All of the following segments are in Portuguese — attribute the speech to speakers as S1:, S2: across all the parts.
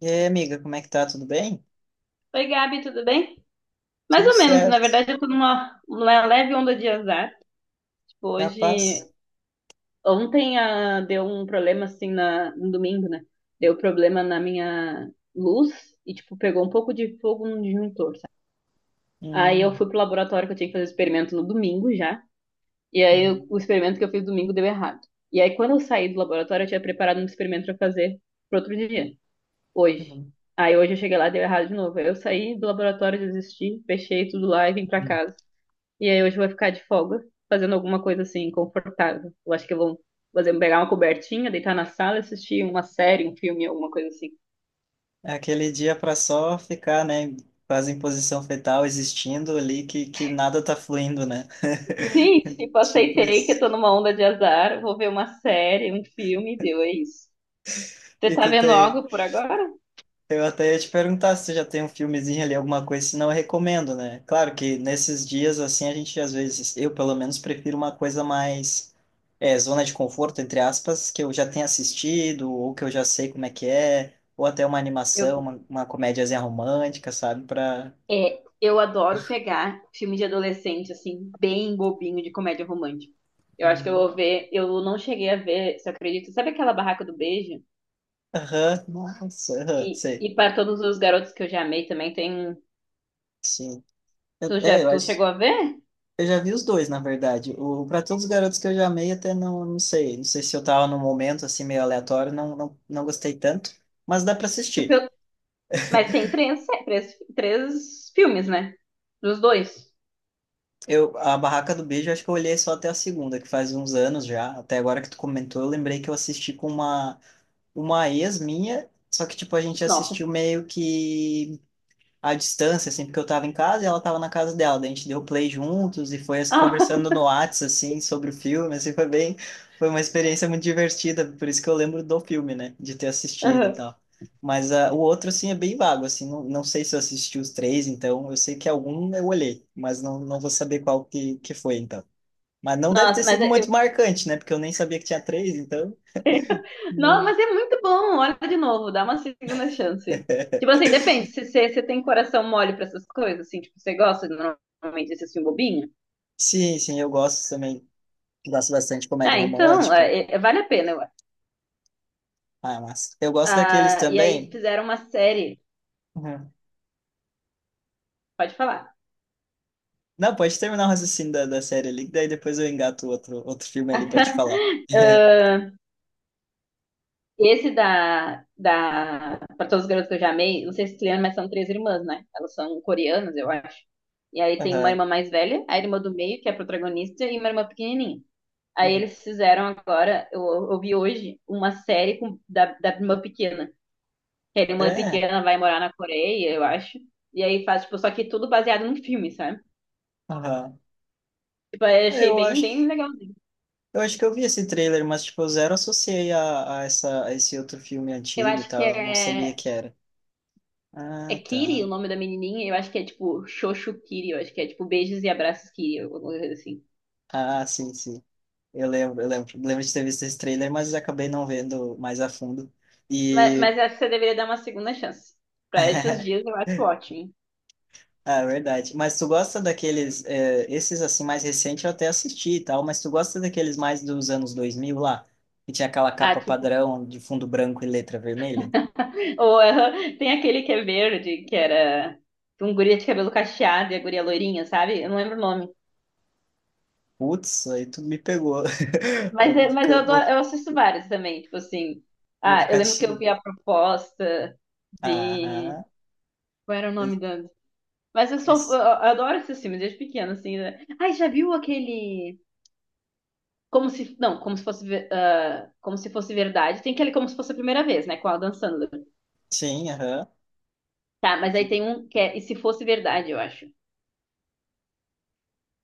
S1: E aí, amiga, como é que tá? Tudo bem?
S2: Oi, Gabi, tudo bem? Mais
S1: Tudo
S2: ou menos, na
S1: certo.
S2: verdade, eu tô numa leve onda de azar. Tipo, hoje,
S1: Capaz?
S2: ontem deu um problema assim no domingo, né? Deu problema na minha luz e, tipo, pegou um pouco de fogo no disjuntor, sabe? Aí eu
S1: Hum,
S2: fui pro laboratório que eu tinha que fazer experimento no domingo já. E aí o
S1: uhum,
S2: experimento que eu fiz domingo deu errado. E aí quando eu saí do laboratório, eu tinha preparado um experimento pra fazer pro outro dia, hoje.
S1: uhum,
S2: Aí hoje eu cheguei lá, e deu errado de novo. Aí eu saí do laboratório, desisti, fechei tudo lá e vim pra
S1: uhum.
S2: casa. E aí hoje eu vou ficar de folga, fazendo alguma coisa assim, confortável. Eu acho que eu vou fazer, pegar uma cobertinha, deitar na sala, assistir uma série, um filme, alguma coisa assim.
S1: É aquele dia para só ficar, né? Quase em posição fetal, existindo ali, que nada tá fluindo, né?
S2: Sim, tipo,
S1: Tipo
S2: aceitei que eu
S1: isso.
S2: tô numa onda de azar, vou ver uma série, um filme, deu, é isso. Você
S1: E
S2: tá
S1: tu
S2: vendo
S1: tem,
S2: algo por agora?
S1: Eu até ia te perguntar se já tem um filmezinho ali, alguma coisa, senão eu recomendo, né? Claro que nesses dias, assim, a gente às vezes, eu pelo menos prefiro uma coisa mais zona de conforto, entre aspas, que eu já tenha assistido, ou que eu já sei como é que é, ou até uma
S2: Eu,
S1: animação, uma comédiazinha romântica, sabe? Pra.
S2: eu adoro pegar filme de adolescente, assim, bem bobinho de comédia romântica. Eu acho que eu vou
S1: Uhum.
S2: ver, eu não cheguei a ver, você acredita? Sabe aquela Barraca do Beijo?
S1: Aham, nossa, aham, sei.
S2: E para todos os garotos que eu já amei também, tem.
S1: Sim. É, eu
S2: Tu
S1: acho.
S2: chegou a ver?
S1: Eu já vi os dois, na verdade. O Pra Todos os Garotos que eu já amei, até não sei. Não sei se eu tava num momento assim meio aleatório, não gostei tanto, mas dá pra
S2: Tu
S1: assistir.
S2: pe- mas tem três filmes, né? Dos dois.
S1: Eu, a Barraca do Beijo, acho que eu olhei só até a segunda, que faz uns anos já. Até agora que tu comentou, eu lembrei que eu assisti com uma ex minha, só que tipo, a gente
S2: Nossa.
S1: assistiu meio que à distância, assim, porque eu tava em casa e ela tava na casa dela. Daí a gente deu play juntos e foi assim,
S2: Ah,
S1: conversando no Whats, assim, sobre o filme, assim, foi uma experiência muito divertida, por isso que eu lembro do filme, né, de ter assistido e
S2: aham.
S1: tal. Mas ah, o outro, assim, é bem vago, assim, não sei se eu assisti os três, então eu sei que é algum eu olhei, mas não vou saber qual que foi, então. Mas não deve ter
S2: Nossa, mas
S1: sido muito marcante, né, porque eu nem sabia que tinha três, então...
S2: não,
S1: não-
S2: mas é muito bom. Olha de novo, dá uma segunda chance. Tipo assim, depende. Se você tem coração mole pra essas coisas, assim, tipo, você gosta normalmente desse filme bobinho?
S1: Sim, sim, eu gosto também, gosto bastante de
S2: Ah,
S1: comédia
S2: então,
S1: romântica,
S2: é, vale a pena, eu acho.
S1: ah, mas eu gosto daqueles
S2: Ah, e aí
S1: também.
S2: fizeram uma série.
S1: Uhum.
S2: Pode falar.
S1: Não, pode terminar o raciocínio da série ali, que daí depois eu engato outro filme ali pra te falar.
S2: Esse da para todos os garotos que eu já amei, não sei se tu lembra, mas são três irmãs, né? Elas são coreanas, eu acho. E aí tem uma
S1: Aham.
S2: irmã mais velha, a irmã do meio, que é a protagonista, e uma irmã pequenininha. Aí
S1: Uhum.
S2: eles fizeram eu vi hoje, uma série da irmã pequena. Que a irmã
S1: É,
S2: pequena vai morar na Coreia, eu acho. E aí faz, tipo, só que tudo baseado num filme, sabe?
S1: aham.
S2: Tipo, eu achei
S1: Eu
S2: bem
S1: acho,
S2: legalzinho.
S1: eu acho que eu vi esse trailer, mas tipo, eu zero associei a esse outro filme
S2: Eu
S1: antigo e
S2: acho que
S1: tal, não sabia
S2: é.
S1: que era.
S2: É
S1: Ah,
S2: Kiri o
S1: tá.
S2: nome da menininha, eu acho que é tipo Xoxo Kiri, eu acho que é tipo Beijos e Abraços Kiri, alguma coisa assim.
S1: Ah, sim, sim. Lembro de ter visto esse trailer, mas acabei não vendo mais a fundo.
S2: Mas,
S1: E
S2: mas eu acho que você deveria dar uma segunda chance. Pra esses dias eu acho ótimo.
S1: Ah, é verdade. Mas tu gosta daqueles, esses assim mais recentes eu até assisti e tal, mas tu gosta daqueles mais dos anos 2000 lá, que tinha aquela
S2: Ah,
S1: capa
S2: tipo,
S1: padrão de fundo branco e letra vermelha?
S2: ou ah, tem aquele que é verde, que era um guria de cabelo cacheado e a guria loirinha, sabe? Eu não lembro o nome.
S1: Putz, aí tu me pegou. Eu
S2: Mas,
S1: vou ficar, vou,
S2: eu assisto vários também, tipo assim.
S1: vou
S2: Ah, eu
S1: ficar
S2: lembro que eu
S1: te...
S2: vi a proposta, vi.
S1: Aham.
S2: Qual era o nome da. Mas eu sou. Eu
S1: Es-
S2: adoro esses filmes desde pequena, assim, né? Ai, já viu aquele. Como se como se fosse verdade. Tem aquele como se fosse a primeira vez, né, com a Adam Sandler.
S1: Sim, aham.
S2: Tá, mas aí
S1: De-
S2: tem um que é E se fosse verdade, eu acho.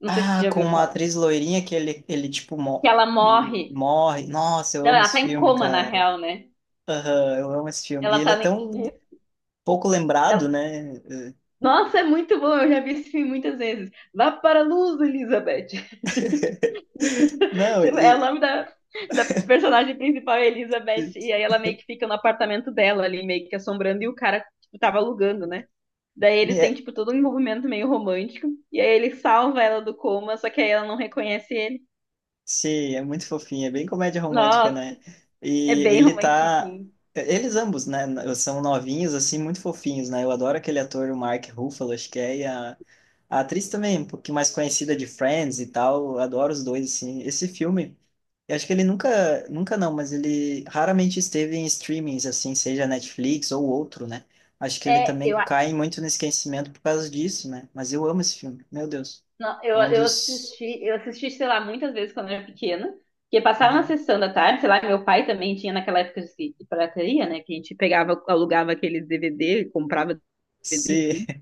S2: Não sei se você
S1: Ah,
S2: já
S1: com
S2: ouviu
S1: uma
S2: falar.
S1: atriz loirinha que ele tipo,
S2: Que ela morre.
S1: morre. Nossa, eu
S2: Não,
S1: amo
S2: ela
S1: esse
S2: tá em
S1: filme,
S2: coma, na
S1: cara.
S2: real, né?
S1: Aham, eu amo esse filme. E
S2: Ela
S1: ele
S2: tá.
S1: é
S2: ne-
S1: tão pouco lembrado,
S2: ela-
S1: né?
S2: Nossa, é muito bom, eu já vi esse filme muitas vezes. Vá para a luz, Elizabeth.
S1: Não,
S2: Tipo, é o nome da personagem principal, é Elizabeth,
S1: e-
S2: e aí ela meio que fica no apartamento dela ali, meio que assombrando, e o cara, tipo, tava alugando, né? Daí ele tem
S1: é,
S2: tipo, todo um envolvimento meio romântico. E aí ele salva ela do coma, só que aí ela não reconhece ele.
S1: Sim, é muito fofinho, é bem comédia romântica,
S2: Nossa,
S1: né?
S2: é
S1: E
S2: bem
S1: ele tá.
S2: romantiquinho.
S1: Eles ambos, né? São novinhos, assim, muito fofinhos, né? Eu adoro aquele ator, o Mark Ruffalo, acho que é, e a atriz também, um pouquinho mais conhecida de Friends e tal. Eu adoro os dois, assim. Esse filme, eu acho que ele nunca, nunca não, mas ele raramente esteve em streamings, assim, seja Netflix ou outro, né? Acho que ele
S2: É, eu,
S1: também
S2: a-
S1: cai muito no esquecimento por causa disso, né? Mas eu amo esse filme, meu Deus.
S2: não,
S1: É um dos.
S2: eu assisti, sei lá, muitas vezes quando eu era pequena. Porque passava na
S1: Uhum.
S2: sessão da tarde, sei lá, meu pai também tinha naquela de pirataria, né? Que a gente pegava, alugava aqueles DVD, comprava DVD, enfim.
S1: Sim.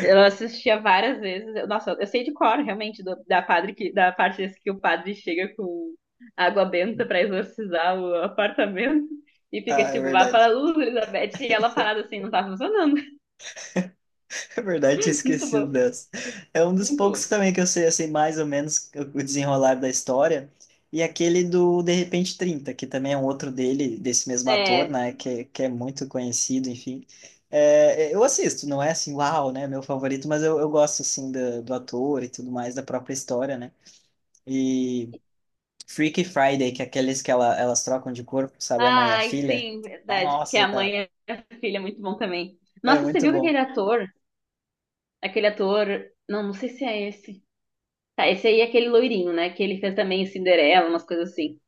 S2: Eu assistia várias vezes. Nossa, eu sei de cor, realmente, da parte desse que o padre chega com água benta pra exorcizar o apartamento e fica
S1: Ah, é
S2: tipo, vá para
S1: verdade.
S2: a luz, Elizabeth, e ela parada assim, não tá funcionando.
S1: É verdade, tinha
S2: Muito
S1: esquecido
S2: bom,
S1: dessa. É um dos
S2: muito
S1: poucos
S2: bom.
S1: também que eu sei, assim, mais ou menos o desenrolar da história. E aquele do De Repente Trinta que também é um outro dele, desse mesmo ator,
S2: É.
S1: né? Que é muito conhecido, enfim. Eu assisto, não é assim, uau, né? Meu favorito, mas eu gosto, assim, do ator e tudo mais, da própria história, né? E Freaky Friday, que é aqueles que elas trocam de corpo, sabe? A mãe e a
S2: Ai,
S1: filha.
S2: sim, verdade. Que
S1: Nossa,
S2: a
S1: cara,
S2: mãe e a filha é muito bom também.
S1: é
S2: Nossa, você
S1: muito
S2: viu que
S1: bom.
S2: aquele ator, não, não sei se é esse. Tá, esse aí é aquele loirinho, né? Que ele fez também Cinderela, umas coisas assim.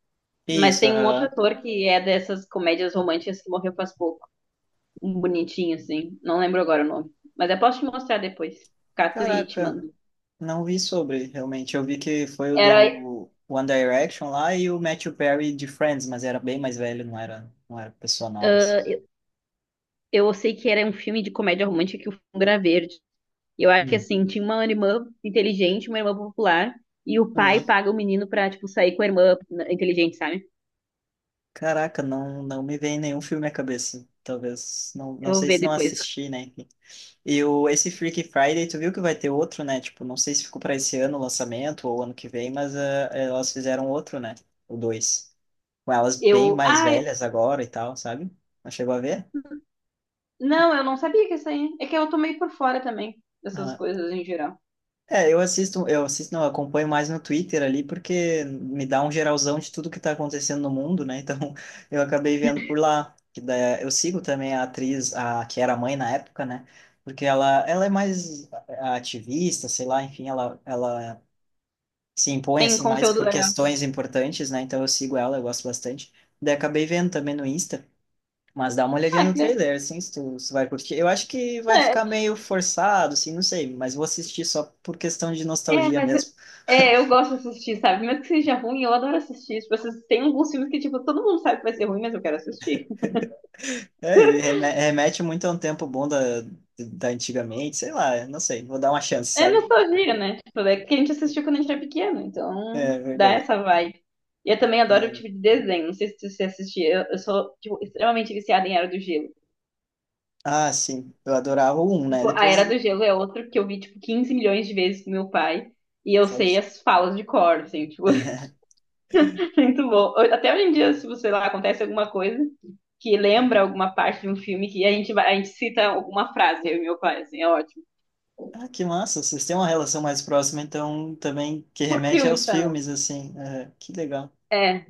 S2: Mas
S1: Isso,
S2: tem um outro
S1: aham.
S2: ator que é dessas comédias românticas que morreu faz pouco. Um bonitinho, assim. Não lembro agora o nome. Mas eu posso te mostrar depois. Cato e te.
S1: Caraca, não vi sobre, realmente. Eu vi que foi o
S2: Era,
S1: do One Direction lá e o Matthew Perry de Friends, mas era bem mais velho, não era pessoa nova. Assim.
S2: ah, eu sei que era um filme de comédia romântica que o fundo era verde. E eu acho que
S1: Hum.
S2: assim, tinha uma irmã inteligente, uma irmã popular, e o pai
S1: Ah,
S2: paga o menino pra, tipo, sair com a irmã inteligente, sabe?
S1: caraca, não me vem nenhum filme à cabeça. Talvez, não
S2: Eu vou
S1: sei
S2: ver
S1: se não
S2: depois.
S1: assisti, né? E o, esse Freaky Friday, tu viu que vai ter outro, né? Tipo, não sei se ficou para esse ano o lançamento ou ano que vem, mas ah, elas fizeram outro, né? O dois. Com elas bem
S2: Eu.
S1: mais
S2: Ai,
S1: velhas agora e tal, sabe? Não chegou a ver?
S2: não, eu não sabia que isso aí. É que eu tô meio por fora também dessas
S1: Ah,
S2: coisas em geral.
S1: é, eu assisto, não, eu acompanho mais no Twitter ali, porque me dá um geralzão de tudo que tá acontecendo no mundo, né? Então, eu acabei vendo por lá. Que daí, é, eu sigo também a atriz, que era mãe na época, né? Porque ela é mais ativista, sei lá, enfim, ela se impõe,
S2: Tem
S1: assim, mais
S2: conteúdo
S1: por
S2: legal.
S1: questões importantes, né? Então, eu sigo ela, eu gosto bastante. Daí, acabei vendo também no Insta. Mas dá uma olhadinha
S2: Ah,
S1: no
S2: que
S1: trailer, assim, se tu vai curtir. Eu acho que vai ficar
S2: legal.
S1: meio forçado, assim, não sei, mas vou assistir só por questão de
S2: É,
S1: nostalgia
S2: mas
S1: mesmo.
S2: eu gosto de assistir, sabe? Mesmo que seja ruim, eu adoro assistir. Tipo, esses- tem alguns filmes que, tipo, todo mundo sabe que vai ser ruim, mas eu quero assistir.
S1: É, e remete muito a um tempo bom da antigamente, sei lá, não sei, vou dar uma chance,
S2: É
S1: sabe?
S2: nostalgia, né? Tipo, é que a gente assistiu quando a gente era pequeno, então
S1: É
S2: dá
S1: verdade.
S2: essa vibe. E eu também adoro o
S1: E-
S2: tipo de desenho. Não sei se você assistia. Eu sou, tipo, extremamente viciada em Era do Gelo.
S1: ah, sim, eu adorava o um, né?
S2: Tipo, a Era
S1: Depois.
S2: do Gelo é outro que eu vi, tipo, 15 milhões de vezes com meu pai. E eu
S1: Sabe?
S2: sei as falas de cor, assim, tipo. Muito bom. Até hoje em dia, se você lá acontece alguma coisa que lembra alguma parte de um filme que a gente vai, a gente cita alguma frase, eu e meu pai, assim, é ótimo.
S1: Ah, que massa, vocês têm uma relação mais próxima, então também que
S2: Por
S1: remete
S2: filmes
S1: aos
S2: também.
S1: filmes, assim. Aham, que legal.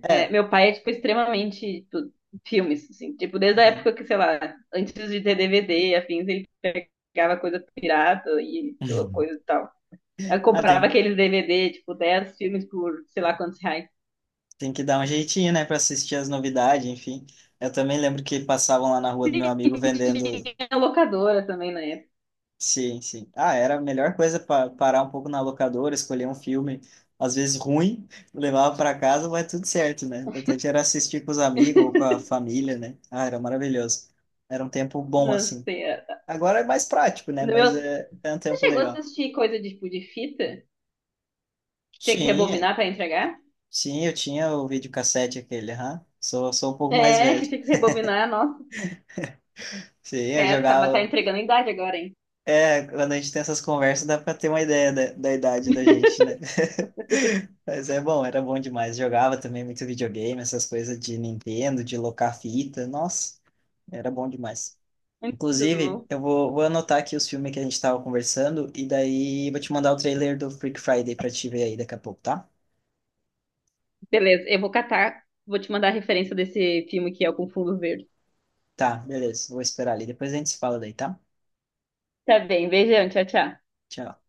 S2: É,
S1: É.
S2: meu pai é, tipo, extremamente, tipo, filmes, assim, tipo, desde a
S1: Aham.
S2: época que, sei lá, antes de ter DVD, afins, ele pegava coisa pirata e coisa e tal. Eu
S1: Ah,
S2: comprava
S1: tem,
S2: aqueles DVD, tipo, 10 filmes por sei lá quantos reais.
S1: tem que dar um jeitinho, né, para assistir as novidades, enfim. Eu também lembro que passavam lá na rua do meu amigo vendendo.
S2: Tinha locadora também na época.
S1: Sim, sim. Ah, era a melhor coisa para parar um pouco na locadora, escolher um filme, às vezes ruim, levava para casa, vai tudo certo, né? O importante era assistir com os amigos ou com a família, né? Ah, era maravilhoso. Era um tempo bom,
S2: Não
S1: assim.
S2: sei. É-
S1: Agora é mais prático, né? Mas
S2: Meus...
S1: é um tempo
S2: Você chegou a
S1: legal.
S2: assistir coisa de, tipo, de fita? Tinha que
S1: Sim, é-
S2: rebobinar pra entregar?
S1: sim, eu tinha o videocassete aquele, aham. Sou um pouco mais
S2: É, que
S1: velho.
S2: tinha que rebobinar, nossa.
S1: Sim, eu
S2: É, tá, tá
S1: jogava.
S2: entregando a idade agora, hein?
S1: É, quando a gente tem essas conversas, dá pra ter uma ideia da idade da gente, né? Mas é bom, era bom demais. Jogava também muito videogame, essas coisas de Nintendo, de locar fita. Nossa, era bom demais.
S2: Muito
S1: Inclusive,
S2: bom.
S1: vou anotar aqui os filmes que a gente tava conversando e daí vou te mandar o trailer do Freak Friday pra te ver aí daqui a pouco, tá?
S2: Beleza, eu vou catar, vou te mandar a referência desse filme que é o Com Fundo Verde.
S1: Tá, beleza. Vou esperar ali. Depois a gente se fala daí, tá?
S2: Tá bem, beijão, tchau, tchau.
S1: Tchau.